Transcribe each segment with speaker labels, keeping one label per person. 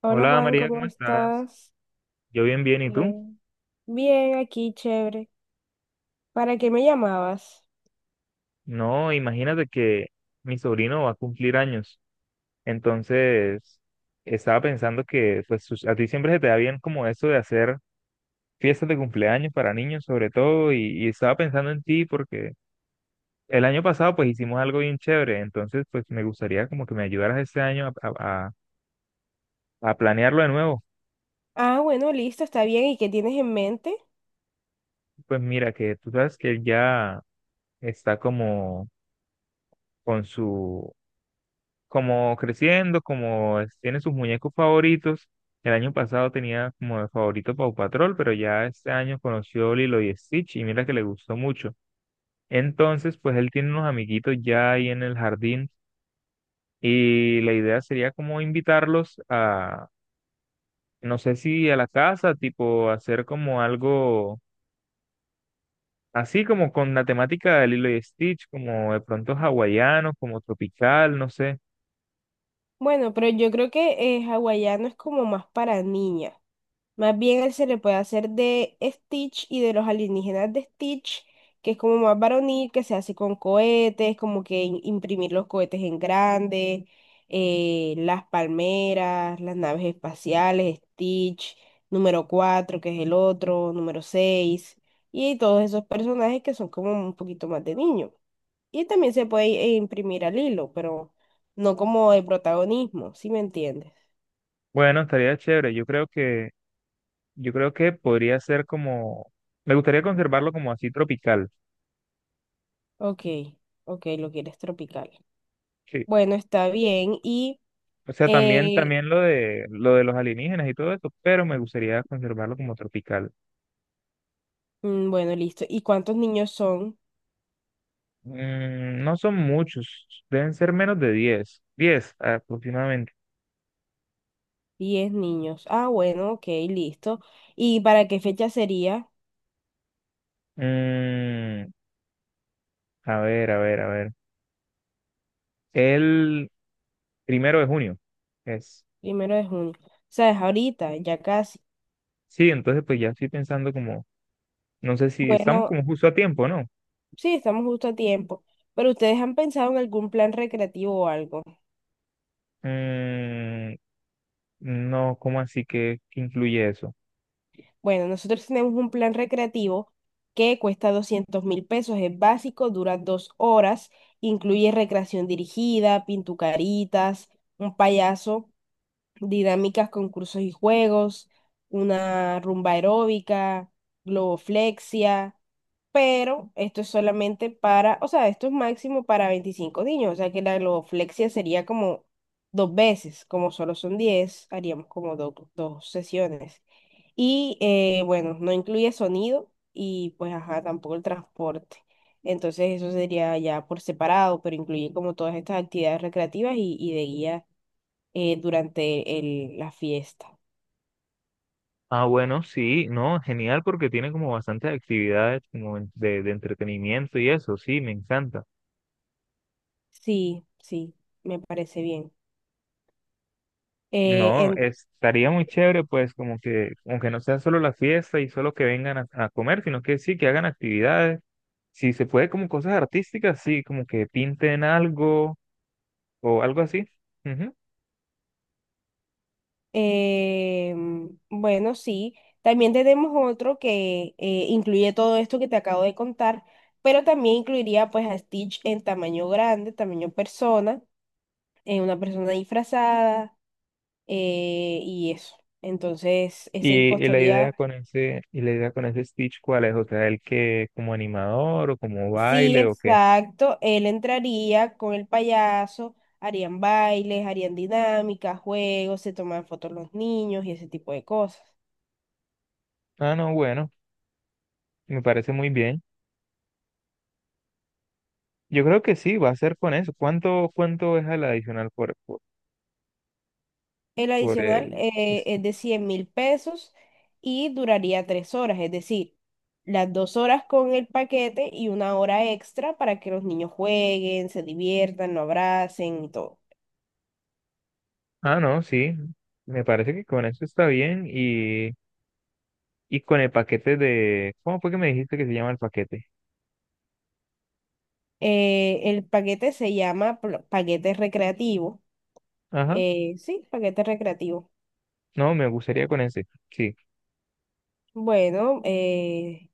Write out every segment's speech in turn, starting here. Speaker 1: Hola
Speaker 2: Hola
Speaker 1: Juan,
Speaker 2: María,
Speaker 1: ¿cómo
Speaker 2: ¿cómo estás?
Speaker 1: estás?
Speaker 2: Yo bien, bien, ¿y tú?
Speaker 1: Bien. Bien, aquí, chévere. ¿Para qué me llamabas?
Speaker 2: No, imagínate que mi sobrino va a cumplir años, entonces estaba pensando que pues a ti siempre se te da bien como eso de hacer fiestas de cumpleaños para niños sobre todo y estaba pensando en ti porque el año pasado pues hicimos algo bien chévere, entonces pues me gustaría como que me ayudaras este año a planearlo de nuevo.
Speaker 1: Ah, bueno, listo, está bien. ¿Y qué tienes en mente?
Speaker 2: Pues mira que tú sabes que él ya está como con su como creciendo, tiene sus muñecos favoritos. El año pasado tenía como de favorito Paw Patrol, pero ya este año conoció Lilo y Stitch y mira que le gustó mucho. Entonces, pues él tiene unos amiguitos ya ahí en el jardín y la idea sería como invitarlos a, no sé si a la casa, tipo hacer como algo así como con la temática de Lilo y Stitch, como de pronto hawaiano, como tropical, no sé.
Speaker 1: Bueno, pero yo creo que hawaiano es como más para niñas. Más bien él se le puede hacer de Stitch y de los alienígenas de Stitch, que es como más varonil, que se hace con cohetes, como que imprimir los cohetes en grande, las palmeras, las naves espaciales, Stitch, número 4 que es el otro, número 6 y todos esos personajes que son como un poquito más de niño. Y también se puede imprimir al hilo, pero no como el protagonismo, ¿si me entiendes?
Speaker 2: Bueno, estaría chévere. Yo creo que podría ser como, me gustaría conservarlo como así tropical,
Speaker 1: Ok, ok, lo quieres tropical.
Speaker 2: sí.
Speaker 1: Bueno, está bien.
Speaker 2: O sea, también,
Speaker 1: Eh,
Speaker 2: también lo de los alienígenas y todo eso, pero me gustaría conservarlo como tropical.
Speaker 1: bueno, listo. ¿Y cuántos niños son?
Speaker 2: Mm, no son muchos, deben ser menos de diez aproximadamente.
Speaker 1: 10 niños. Ah, bueno, ok, listo. ¿Y para qué fecha sería?
Speaker 2: Mm, a ver, a ver, a ver. El 1 de junio es.
Speaker 1: Primero de junio. O sea, es ahorita, ya casi.
Speaker 2: Sí, entonces pues ya estoy pensando como, no sé si estamos
Speaker 1: Bueno,
Speaker 2: como justo a tiempo, ¿no?
Speaker 1: sí, estamos justo a tiempo. Pero ¿ustedes han pensado en algún plan recreativo o algo?
Speaker 2: Mm, no, ¿cómo así que incluye eso?
Speaker 1: Bueno, nosotros tenemos un plan recreativo que cuesta 200.000 pesos, es básico, dura 2 horas, incluye recreación dirigida, pintucaritas, un payaso, dinámicas, concursos y juegos, una rumba aeróbica, globoflexia, pero esto es solamente para, o sea, esto es máximo para 25 niños, o sea que la globoflexia sería como 2 veces, como solo son 10 haríamos como 2 sesiones. Y bueno, no incluye sonido y pues ajá, tampoco el transporte. Entonces eso sería ya por separado, pero incluye como todas estas actividades recreativas y de guía durante la fiesta.
Speaker 2: Ah, bueno, sí, no, genial porque tiene como bastantes actividades como de entretenimiento y eso, sí, me encanta.
Speaker 1: Sí, sí, me parece bien. Eh,
Speaker 2: No,
Speaker 1: en-
Speaker 2: estaría muy chévere pues como que, aunque no sea solo la fiesta y solo que vengan a comer, sino que sí, que hagan actividades. Si se puede como cosas artísticas, sí, como que pinten algo o algo así. Ujú.
Speaker 1: bueno, sí, también tenemos otro que incluye todo esto que te acabo de contar, pero también incluiría pues a Stitch en tamaño grande, tamaño persona, una persona disfrazada, y eso. Entonces, ese
Speaker 2: Y la idea
Speaker 1: costaría,
Speaker 2: con ese, y la idea con ese Stitch, ¿cuál es? O sea, el que como animador o como
Speaker 1: sí,
Speaker 2: baile o qué.
Speaker 1: exacto, él entraría con el payaso, harían bailes, harían dinámicas, juegos, se toman fotos los niños y ese tipo de cosas.
Speaker 2: Ah, no, bueno, me parece muy bien. Yo creo que sí, va a ser con eso. ¿Cuánto es el adicional por, por,
Speaker 1: El
Speaker 2: por
Speaker 1: adicional
Speaker 2: el... este?
Speaker 1: es de 100.000 pesos y duraría 3 horas, es decir, las 2 horas con el paquete y una hora extra para que los niños jueguen, se diviertan, lo abracen y todo.
Speaker 2: Ah, no, sí. Me parece que con eso está bien y con el paquete de... ¿Cómo fue que me dijiste que se llama el paquete?
Speaker 1: El paquete se llama paquete recreativo.
Speaker 2: Ajá.
Speaker 1: Sí, paquete recreativo.
Speaker 2: No, me gustaría con ese. Sí.
Speaker 1: Bueno,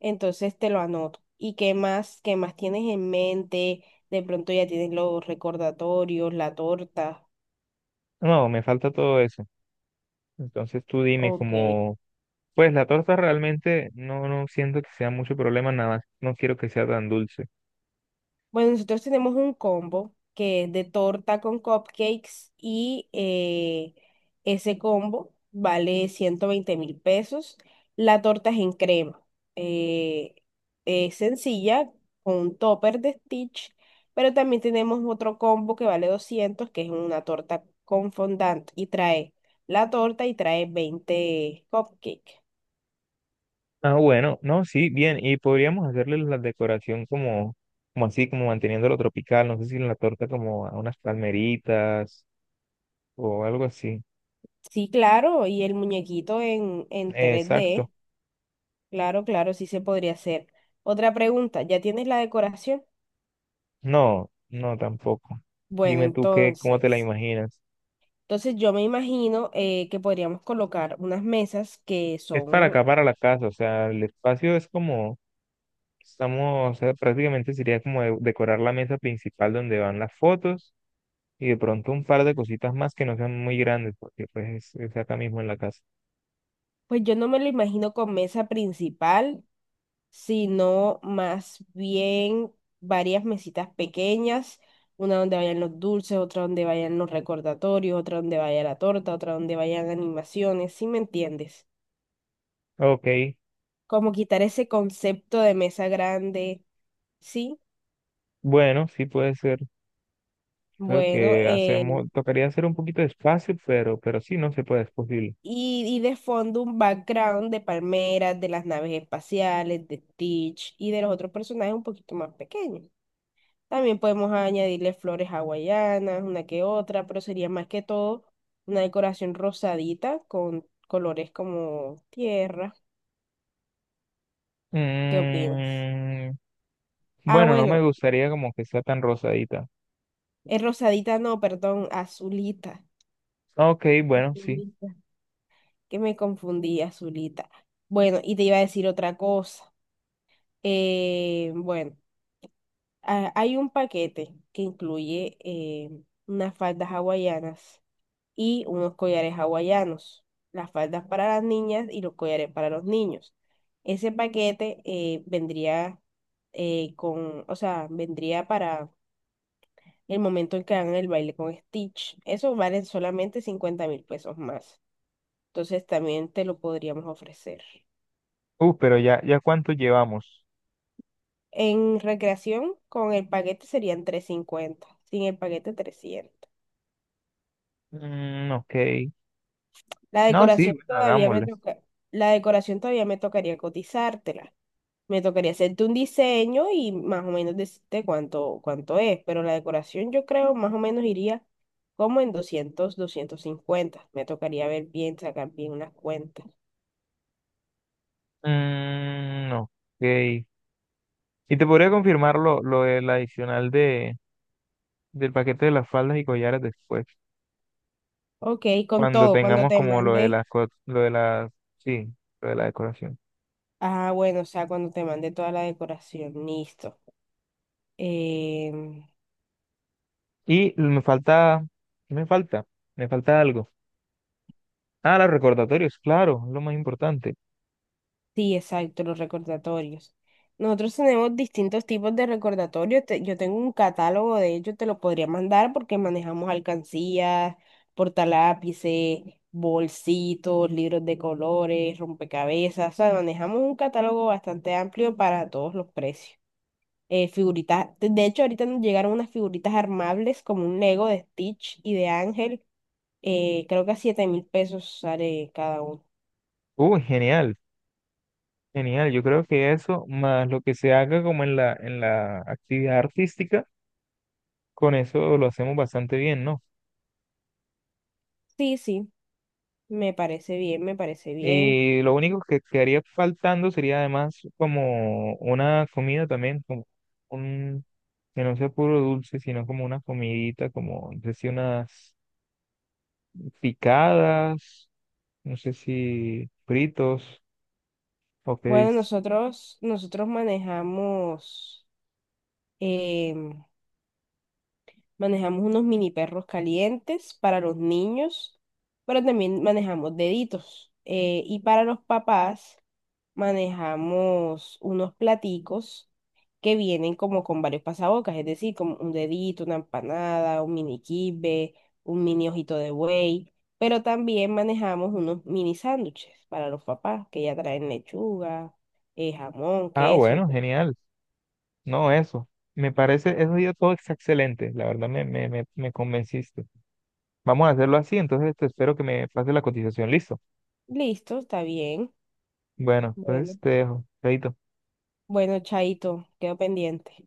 Speaker 1: entonces te lo anoto. ¿Y qué más, tienes en mente? De pronto ya tienes los recordatorios, la torta.
Speaker 2: No, me falta todo eso. Entonces tú dime
Speaker 1: Ok.
Speaker 2: como... Pues la torta realmente no, no siento que sea mucho problema, nada más. No quiero que sea tan dulce.
Speaker 1: Bueno, nosotros tenemos un combo que es de torta con cupcakes y ese combo vale 120.000 pesos. La torta es en crema. eh, es sencilla, con un topper de Stitch, pero también tenemos otro combo que vale 200, que es una torta con fondant y trae la torta y trae 20 cupcakes.
Speaker 2: Ah, bueno, no, sí, bien, y podríamos hacerle la decoración como, como así, como manteniéndolo tropical, no sé si en la torta como a unas palmeritas o algo así.
Speaker 1: Sí, claro, y el muñequito en
Speaker 2: Eh,
Speaker 1: tres
Speaker 2: exacto,
Speaker 1: d Claro, claro, sí se podría hacer. Otra pregunta, ¿ya tienes la decoración?
Speaker 2: no, no tampoco.
Speaker 1: Bueno,
Speaker 2: Dime tú qué, cómo te la
Speaker 1: entonces,
Speaker 2: imaginas.
Speaker 1: entonces yo me imagino que podríamos colocar unas mesas que
Speaker 2: Es para
Speaker 1: son,
Speaker 2: acá, para la casa, o sea, el espacio es como, estamos, o sea, prácticamente sería como decorar la mesa principal donde van las fotos y de pronto un par de cositas más que no sean muy grandes, porque pues es acá mismo en la casa.
Speaker 1: pues yo no me lo imagino con mesa principal, sino más bien varias mesitas pequeñas, una donde vayan los dulces, otra donde vayan los recordatorios, otra donde vaya la torta, otra donde vayan animaciones, ¿sí me entiendes?
Speaker 2: Ok.
Speaker 1: Como quitar ese concepto de mesa grande, ¿sí?
Speaker 2: Bueno, sí puede ser. Creo
Speaker 1: Bueno,
Speaker 2: que hacemos, tocaría hacer un poquito de espacio, pero sí, no se puede, es posible.
Speaker 1: y de fondo un background de palmeras, de las naves espaciales, de Stitch y de los otros personajes un poquito más pequeños. También podemos añadirle flores hawaianas, una que otra, pero sería más que todo una decoración rosadita con colores como tierra. ¿Qué opinas?
Speaker 2: Mm,
Speaker 1: Ah,
Speaker 2: bueno, no me
Speaker 1: bueno,
Speaker 2: gustaría como que sea tan rosadita.
Speaker 1: es rosadita, no, perdón, azulita.
Speaker 2: Ok, bueno, sí.
Speaker 1: Azulita. Que me confundí, azulita. Bueno, y te iba a decir otra cosa. Bueno. Ah, hay un paquete que incluye unas faldas hawaianas y unos collares hawaianos. Las faldas para las niñas y los collares para los niños. Ese paquete vendría con, o sea, vendría para el momento en que hagan el baile con Stitch. Eso vale solamente 50.000 pesos más. Entonces también te lo podríamos ofrecer.
Speaker 2: Pero ya cuánto llevamos.
Speaker 1: En recreación, con el paquete serían 350, sin el paquete 300.
Speaker 2: Mm, ok.
Speaker 1: La
Speaker 2: No, sí,
Speaker 1: decoración
Speaker 2: bueno,
Speaker 1: todavía me
Speaker 2: hagámosle.
Speaker 1: toca, la decoración todavía me tocaría cotizártela. Me tocaría hacerte un diseño y más o menos decirte cuánto, cuánto es, pero la decoración yo creo más o menos iría como en 200, 250. Me tocaría ver bien, sacar bien unas cuentas.
Speaker 2: Mm, ok. Y te podría confirmar lo del adicional del paquete de las faldas y collares después,
Speaker 1: Ok, con
Speaker 2: cuando
Speaker 1: todo, cuando
Speaker 2: tengamos
Speaker 1: te
Speaker 2: como lo de
Speaker 1: mande,
Speaker 2: las, sí, lo de la decoración.
Speaker 1: ah, bueno, o sea, cuando te mande toda la decoración, listo. Em,
Speaker 2: Y me falta, ¿qué me falta? Me falta algo. Ah, los recordatorios, claro, lo más importante.
Speaker 1: Sí, exacto, los recordatorios. Nosotros tenemos distintos tipos de recordatorios. Yo tengo un catálogo, de ellos te lo podría mandar porque manejamos alcancías, portalápices, bolsitos, libros de colores, rompecabezas. O sea, manejamos un catálogo bastante amplio para todos los precios. Figuritas, de hecho, ahorita nos llegaron unas figuritas armables como un Lego de Stitch y de Ángel. Creo que a 7.000 pesos sale cada uno.
Speaker 2: Uy, genial, genial. Yo creo que eso, más lo que se haga como en la actividad artística, con eso lo hacemos bastante bien, ¿no?
Speaker 1: Sí, sí, me parece bien, me parece bien.
Speaker 2: Y lo único que quedaría faltando sería además como una comida también, como un, que no sea puro dulce, sino como una comidita, como, no sé si unas picadas, no sé si fritos. Ok.
Speaker 1: Bueno, nosotros em, manejamos unos mini perros calientes para los niños, pero también manejamos deditos. Y para los papás manejamos unos platicos que vienen como con varios pasabocas, es decir, como un dedito, una empanada, un mini kibbe, un mini ojito de buey, pero también manejamos unos mini sándwiches para los papás que ya traen lechuga, jamón,
Speaker 2: Ah,
Speaker 1: queso.
Speaker 2: bueno, genial. No, eso. Me parece, eso ya todo es excelente. La verdad me convenciste. Vamos a hacerlo así, entonces te espero que me pases la cotización. Listo.
Speaker 1: Listo, está bien.
Speaker 2: Bueno, entonces
Speaker 1: Bueno,
Speaker 2: te dejo. Chaito.
Speaker 1: bueno, Chaito, quedo pendiente.